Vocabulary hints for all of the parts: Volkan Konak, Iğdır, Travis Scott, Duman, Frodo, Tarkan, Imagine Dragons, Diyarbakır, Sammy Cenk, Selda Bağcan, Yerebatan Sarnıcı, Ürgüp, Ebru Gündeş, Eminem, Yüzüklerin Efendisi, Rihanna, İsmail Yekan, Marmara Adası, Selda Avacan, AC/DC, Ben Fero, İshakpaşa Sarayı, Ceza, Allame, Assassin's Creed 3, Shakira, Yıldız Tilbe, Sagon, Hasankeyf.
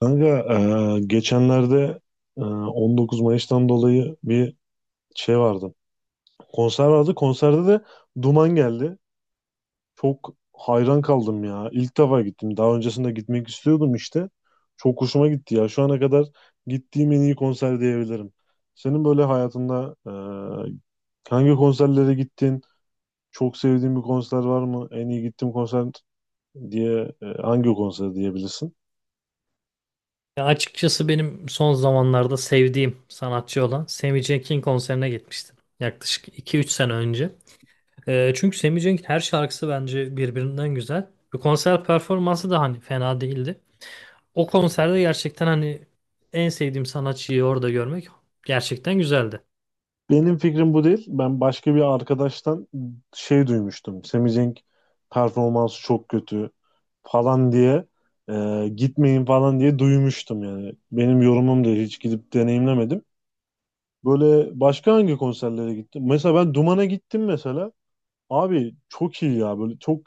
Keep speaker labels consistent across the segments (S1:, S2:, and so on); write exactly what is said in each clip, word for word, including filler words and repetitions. S1: Kanka, e, geçenlerde e, on dokuz Mayıs'tan dolayı bir şey vardı. Konser vardı. Konserde de Duman geldi. Çok hayran kaldım ya. İlk defa gittim. Daha öncesinde gitmek istiyordum işte. Çok hoşuma gitti ya. Şu ana kadar gittiğim en iyi konser diyebilirim. Senin böyle hayatında e, hangi konserlere gittin? Çok sevdiğin bir konser var mı? En iyi gittiğim konser diye e, hangi konser diyebilirsin?
S2: Ya açıkçası benim son zamanlarda sevdiğim sanatçı olan Sammy Cenk'in konserine gitmiştim. Yaklaşık iki üç sene önce. Ee, çünkü Sammy Cenk'in her şarkısı bence birbirinden güzel. Ve konser performansı da hani fena değildi. O konserde gerçekten hani en sevdiğim sanatçıyı orada görmek gerçekten güzeldi.
S1: Benim fikrim bu değil. Ben başka bir arkadaştan şey duymuştum. Semih Cenk performansı çok kötü falan diye e, gitmeyin falan diye duymuştum yani. Benim yorumum da hiç gidip deneyimlemedim. Böyle başka hangi konserlere gittim? Mesela ben Duman'a gittim mesela. Abi çok iyi ya, böyle çok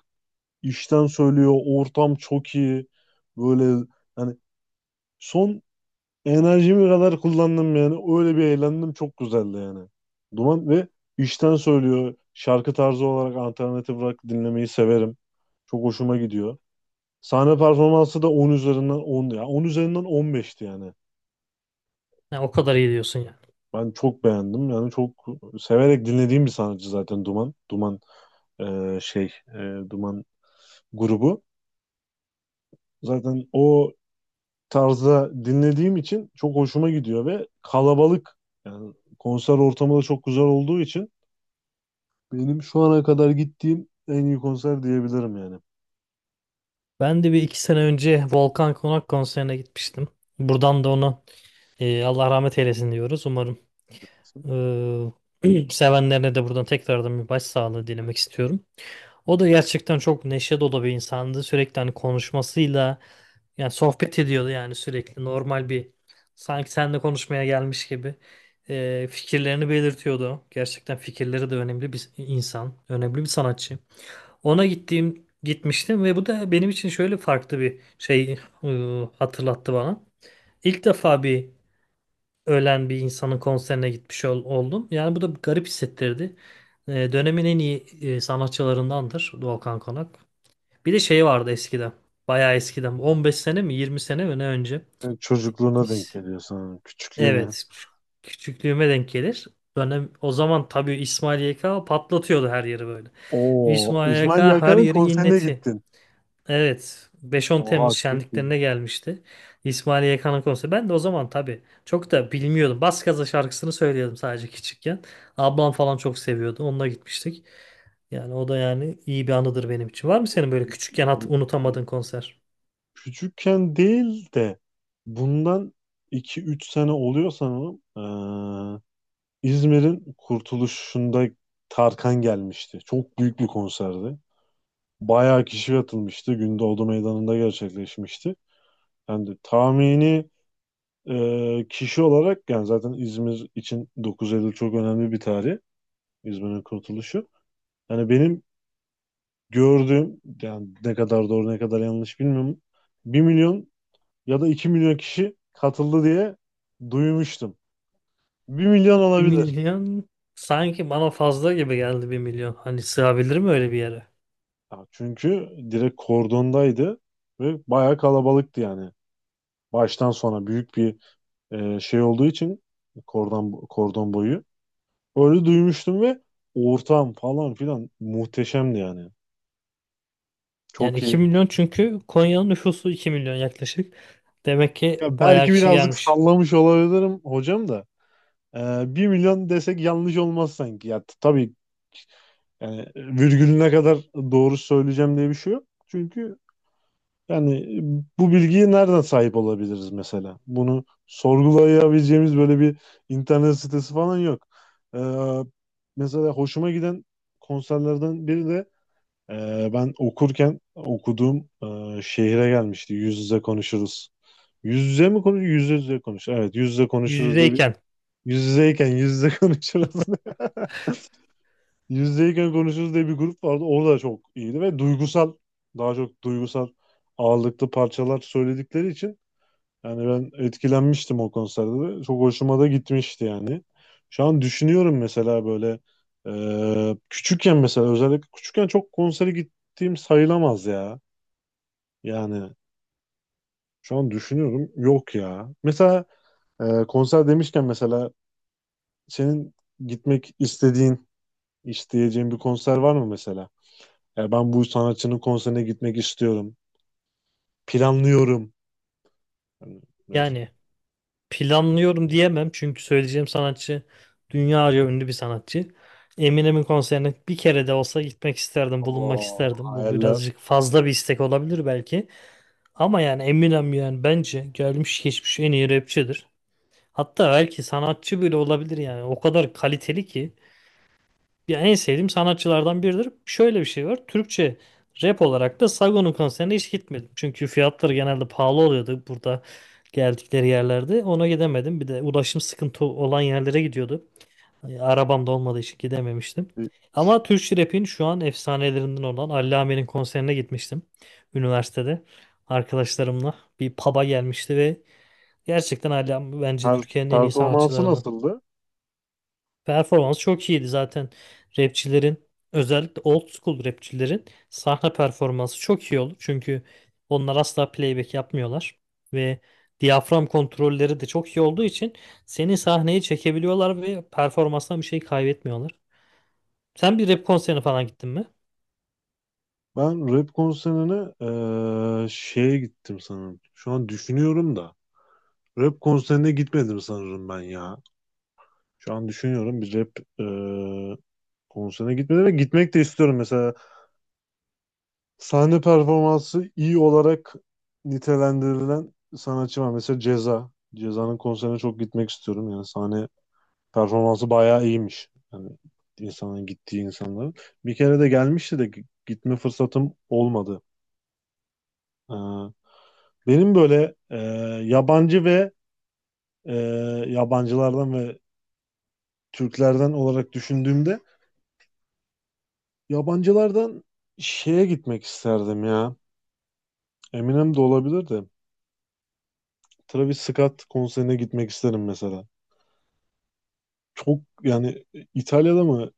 S1: işten söylüyor. Ortam çok iyi. Böyle hani son enerjimi kadar kullandım yani. Öyle bir eğlendim. Çok güzeldi yani. Duman ve işten söylüyor. Şarkı tarzı olarak alternatif rock dinlemeyi severim. Çok hoşuma gidiyor. Sahne performansı da on üzerinden on ya on üzerinden on beşti yani.
S2: Ya o kadar iyi diyorsun yani.
S1: Ben çok beğendim. Yani çok severek dinlediğim bir sanatçı zaten Duman. Duman e, şey e, Duman grubu. Zaten o tarzda dinlediğim için çok hoşuma gidiyor ve kalabalık, yani konser ortamı da çok güzel olduğu için benim şu ana kadar gittiğim en iyi konser diyebilirim yani.
S2: Ben de bir iki sene önce Volkan Konak konserine gitmiştim. Buradan da onu e, Allah rahmet eylesin diyoruz. Umarım. Ee, Sevenlerine de buradan tekrardan bir başsağlığı dilemek istiyorum. O da gerçekten çok neşe dolu bir insandı. Sürekli hani konuşmasıyla yani sohbet ediyordu, yani sürekli normal bir, sanki seninle konuşmaya gelmiş gibi. Ee, fikirlerini belirtiyordu. Gerçekten fikirleri de önemli bir insan, önemli bir sanatçı. Ona gittiğim gitmiştim ve bu da benim için şöyle farklı bir şey e, hatırlattı bana. İlk defa bir ölen bir insanın konserine gitmiş ol- oldum. Yani bu da garip hissettirdi. Ee, dönemin en iyi e, sanatçılarındandır Volkan Konak. Bir de şey vardı eskiden. Bayağı eskiden. on beş sene mi yirmi sene mi ne önce.
S1: Yani çocukluğuna denk
S2: İs-
S1: geliyor sana,
S2: Evet.
S1: küçüklüğüne.
S2: küç- Küçüklüğüme denk gelir. Dönem, o zaman tabii İsmail Y K patlatıyordu her yeri böyle.
S1: Oo,
S2: İsmail
S1: İsmail
S2: Y K her
S1: Yakan'ın
S2: yeri
S1: konserine
S2: inleti.
S1: gittin.
S2: Evet. Beş on
S1: Oha,
S2: Temmuz
S1: çok iyi.
S2: şenliklerine gelmişti. İsmail Yekan'ın konseri. Ben de o zaman tabii çok da bilmiyordum. Bas Gaza şarkısını söylüyordum sadece küçükken. Ablam falan çok seviyordu. Onunla gitmiştik. Yani o da yani iyi bir anıdır benim için.
S1: Çok
S2: Var mı
S1: çok
S2: senin böyle
S1: iyi.
S2: küçükken hat
S1: Çok iyi.
S2: unutamadığın konser?
S1: Küçükken değil de bundan iki üç sene oluyor sanırım. Ee, İzmir'in kurtuluşunda Tarkan gelmişti. Çok büyük bir konserdi. Bayağı kişi katılmıştı. Gündoğdu Meydanı'nda gerçekleşmişti. Yani tahmini Ee, kişi olarak, yani zaten İzmir için dokuz Eylül çok önemli bir tarih. İzmir'in kurtuluşu. Yani benim gördüğüm, yani ne kadar doğru ne kadar yanlış bilmiyorum. Bir milyon ya da iki milyon kişi katıldı diye duymuştum. Bir milyon
S2: Bir
S1: olabilir.
S2: milyon sanki bana fazla gibi geldi, bir milyon. Hani sığabilir mi öyle bir yere?
S1: Ya çünkü direkt kordondaydı ve bayağı kalabalıktı yani. Baştan sona büyük bir e, şey olduğu için kordon, kordon boyu. Öyle duymuştum ve ortam falan filan muhteşemdi yani.
S2: Yani
S1: Çok
S2: iki
S1: iyi.
S2: milyon, çünkü Konya'nın nüfusu iki milyon yaklaşık. Demek ki
S1: Ya
S2: bayağı
S1: belki
S2: kişi
S1: birazcık
S2: gelmiş.
S1: sallamış olabilirim hocam da. Ee, bir milyon desek yanlış olmaz sanki. Ya t- tabii, yani virgülüne kadar doğru söyleyeceğim diye bir şey yok. Çünkü yani bu bilgiye nereden sahip olabiliriz mesela? Bunu sorgulayabileceğimiz böyle bir internet sitesi falan yok. Ee, mesela hoşuma giden konserlerden biri de e, ben okurken okuduğum e, şehire gelmişti. Yüz yüze konuşuruz. Yüz yüze mi konuş? Yüz yüze konuş. Evet, yüz yüze
S2: Yüz
S1: konuşuruz diye bir
S2: yüzeyken.
S1: yüz yüzeyken yüz yüze konuşuruz. Yüz yüzeyken konuşuruz diye bir grup vardı. Orada çok iyiydi ve duygusal, daha çok duygusal ağırlıklı parçalar söyledikleri için yani ben etkilenmiştim o konserde de. Çok hoşuma da gitmişti yani. Şu an düşünüyorum mesela, böyle e, küçükken, mesela özellikle küçükken çok konsere gittiğim sayılamaz ya. Yani şu an düşünüyorum, yok ya. Mesela e, konser demişken mesela, senin gitmek istediğin, isteyeceğin bir konser var mı mesela? Ya ben bu sanatçının konserine gitmek istiyorum. Planlıyorum. Hani mesela,
S2: Yani, planlıyorum diyemem çünkü söyleyeceğim sanatçı dünyaca ünlü bir sanatçı. Eminem'in konserine bir kere de olsa gitmek isterdim, bulunmak
S1: o
S2: isterdim. Bu
S1: hayaller.
S2: birazcık fazla bir istek olabilir belki. Ama yani Eminem, yani bence gelmiş geçmiş en iyi rapçidir. Hatta belki sanatçı bile olabilir yani. O kadar kaliteli ki. Ya en sevdiğim sanatçılardan biridir. Şöyle bir şey var. Türkçe rap olarak da Sagon'un konserine hiç gitmedim. Çünkü fiyatları genelde pahalı oluyordu burada, geldikleri yerlerde. Ona gidemedim. Bir de ulaşım sıkıntı olan yerlere gidiyordu. Yani Arabam da olmadığı için gidememiştim. Ama Türkçe rap'in şu an efsanelerinden olan Allame'nin konserine gitmiştim. Üniversitede arkadaşlarımla bir pub'a gelmişti ve gerçekten Allame bence
S1: Per-
S2: Türkiye'nin en iyi
S1: performansı
S2: sanatçılarından.
S1: nasıldı?
S2: Performans çok iyiydi zaten. Rapçilerin, özellikle old school rapçilerin, sahne performansı çok iyi olur. Çünkü onlar asla playback yapmıyorlar ve diyafram kontrolleri de çok iyi olduğu için seni sahneye çekebiliyorlar ve performanstan bir şey kaybetmiyorlar. Sen bir rap konserine falan gittin mi?
S1: Ben rap konserine eee, şeye gittim sanırım. Şu an düşünüyorum da. Rap konserine gitmedim sanırım ben ya. Şu an düşünüyorum, bir rap eee konserine gitmedim ve gitmek de istiyorum mesela. Sahne performansı iyi olarak nitelendirilen sanatçı var. Mesela Ceza. Ceza'nın konserine çok gitmek istiyorum. Yani sahne performansı bayağı iyiymiş. Yani insanın gittiği insanların. Bir kere de gelmişti de gi- gitme fırsatım olmadı. Ee, benim böyle e, yabancı ve e, yabancılardan ve Türklerden olarak düşündüğümde yabancılardan şeye gitmek isterdim ya. Eminem de olabilir de. Travis Scott konserine gitmek isterim mesela. Çok yani, e, İtalya'da mı,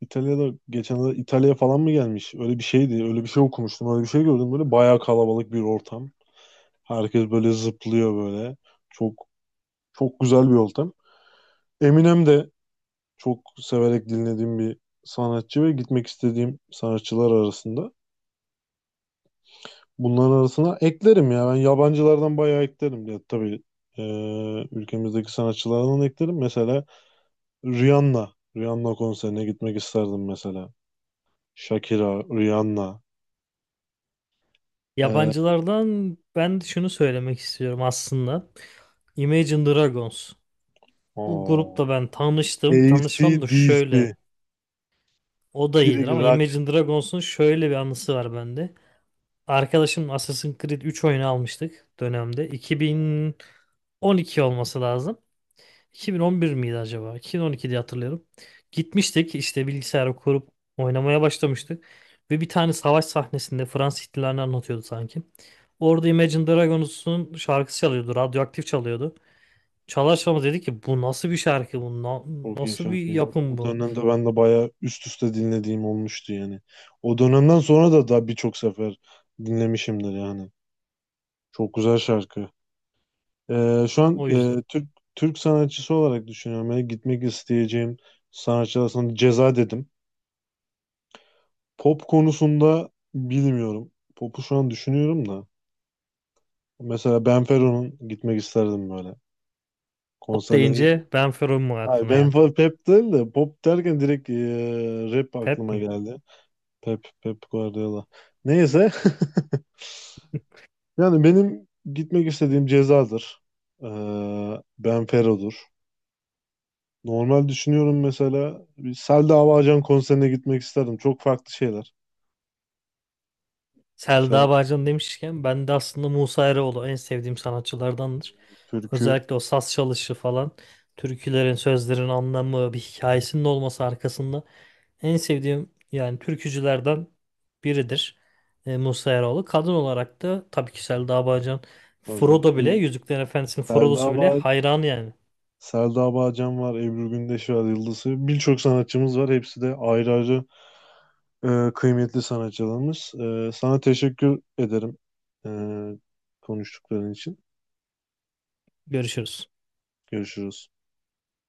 S1: İtalya'da geçen İtalya'ya falan mı gelmiş? Öyle bir şeydi. Öyle bir şey okumuştum. Öyle bir şey gördüm. Böyle bayağı kalabalık bir ortam. Herkes böyle zıplıyor böyle. Çok çok güzel bir ortam. Eminem de çok severek dinlediğim bir sanatçı ve gitmek istediğim sanatçılar arasında. Bunların arasına eklerim ya. Ben yabancılardan bayağı eklerim. Ya, tabii e, ülkemizdeki sanatçılardan eklerim. Mesela Rihanna. Rihanna konserine gitmek isterdim mesela. Shakira, Rihanna. Ee,
S2: Yabancılardan ben şunu söylemek istiyorum aslında. Imagine Dragons. Bu grupla
S1: o
S2: ben tanıştım. Tanışmam da şöyle.
S1: A C/D C.
S2: O da iyidir
S1: Direkt
S2: ama
S1: rock.
S2: Imagine Dragons'un şöyle bir anısı var bende. Arkadaşım Assassin's Creed üç oyunu almıştık dönemde. iki bin on iki olması lazım. iki bin on bir miydi acaba? iki bin on iki diye hatırlıyorum. Gitmiştik işte, bilgisayarı kurup oynamaya başlamıştık. Ve bir tane savaş sahnesinde Fransız ihtilalini anlatıyordu sanki. Orada Imagine Dragons'un şarkısı çalıyordu. Radyoaktif çalıyordu. Çalarsa'mız dedi ki, bu nasıl bir şarkı, bu na-
S1: Çok iyi
S2: nasıl bir
S1: şarkı ya.
S2: yapım
S1: O
S2: bu.
S1: dönemde ben de bayağı üst üste dinlediğim olmuştu yani. O dönemden sonra da daha birçok sefer dinlemişimdir yani. Çok güzel şarkı. Ee, şu an
S2: O yüzden.
S1: e, Türk Türk sanatçısı olarak düşünüyorum. Yani gitmek isteyeceğim sanatçılar, sana Ceza dedim. Pop konusunda bilmiyorum. Pop'u şu an düşünüyorum da. Mesela Ben Fero'nun gitmek isterdim böyle.
S2: Pop
S1: Konserleri.
S2: deyince Ben Ferom mu
S1: Hayır,
S2: aklına
S1: ben
S2: geldi?
S1: fa- Pep değil de pop derken direkt eee, rap
S2: Hep
S1: aklıma
S2: mi?
S1: geldi. Pep, Pep Guardiola. Neyse. Yani benim gitmek istediğim Ceza'dır. Eee Benfero'dur. Normal düşünüyorum, mesela bir Selda Avacan konserine gitmek isterdim. Çok farklı şeyler. Sev
S2: Selda Bağcan demişken ben de aslında Musa Eroğlu en sevdiğim sanatçılardandır.
S1: türkü.
S2: Özellikle o saz çalışı falan, türkülerin sözlerin anlamı, bir hikayesinin olması arkasında en sevdiğim yani türkücülerden biridir e, Musa Eroğlu. Kadın olarak da tabii ki Selda Bağcan. Frodo
S1: Vallahi
S2: bile, Yüzüklerin Efendisi'nin
S1: Selda
S2: Frodo'su bile
S1: Ava-
S2: hayran yani.
S1: Selda Avacan var, Ebru Gündeş var, Yıldız Tilbe. Birçok sanatçımız var. Hepsi de ayrı ayrı Ee, kıymetli sanatçılarımız. Ee, sana teşekkür ederim ee, konuştukların için.
S2: Görüşürüz.
S1: Görüşürüz.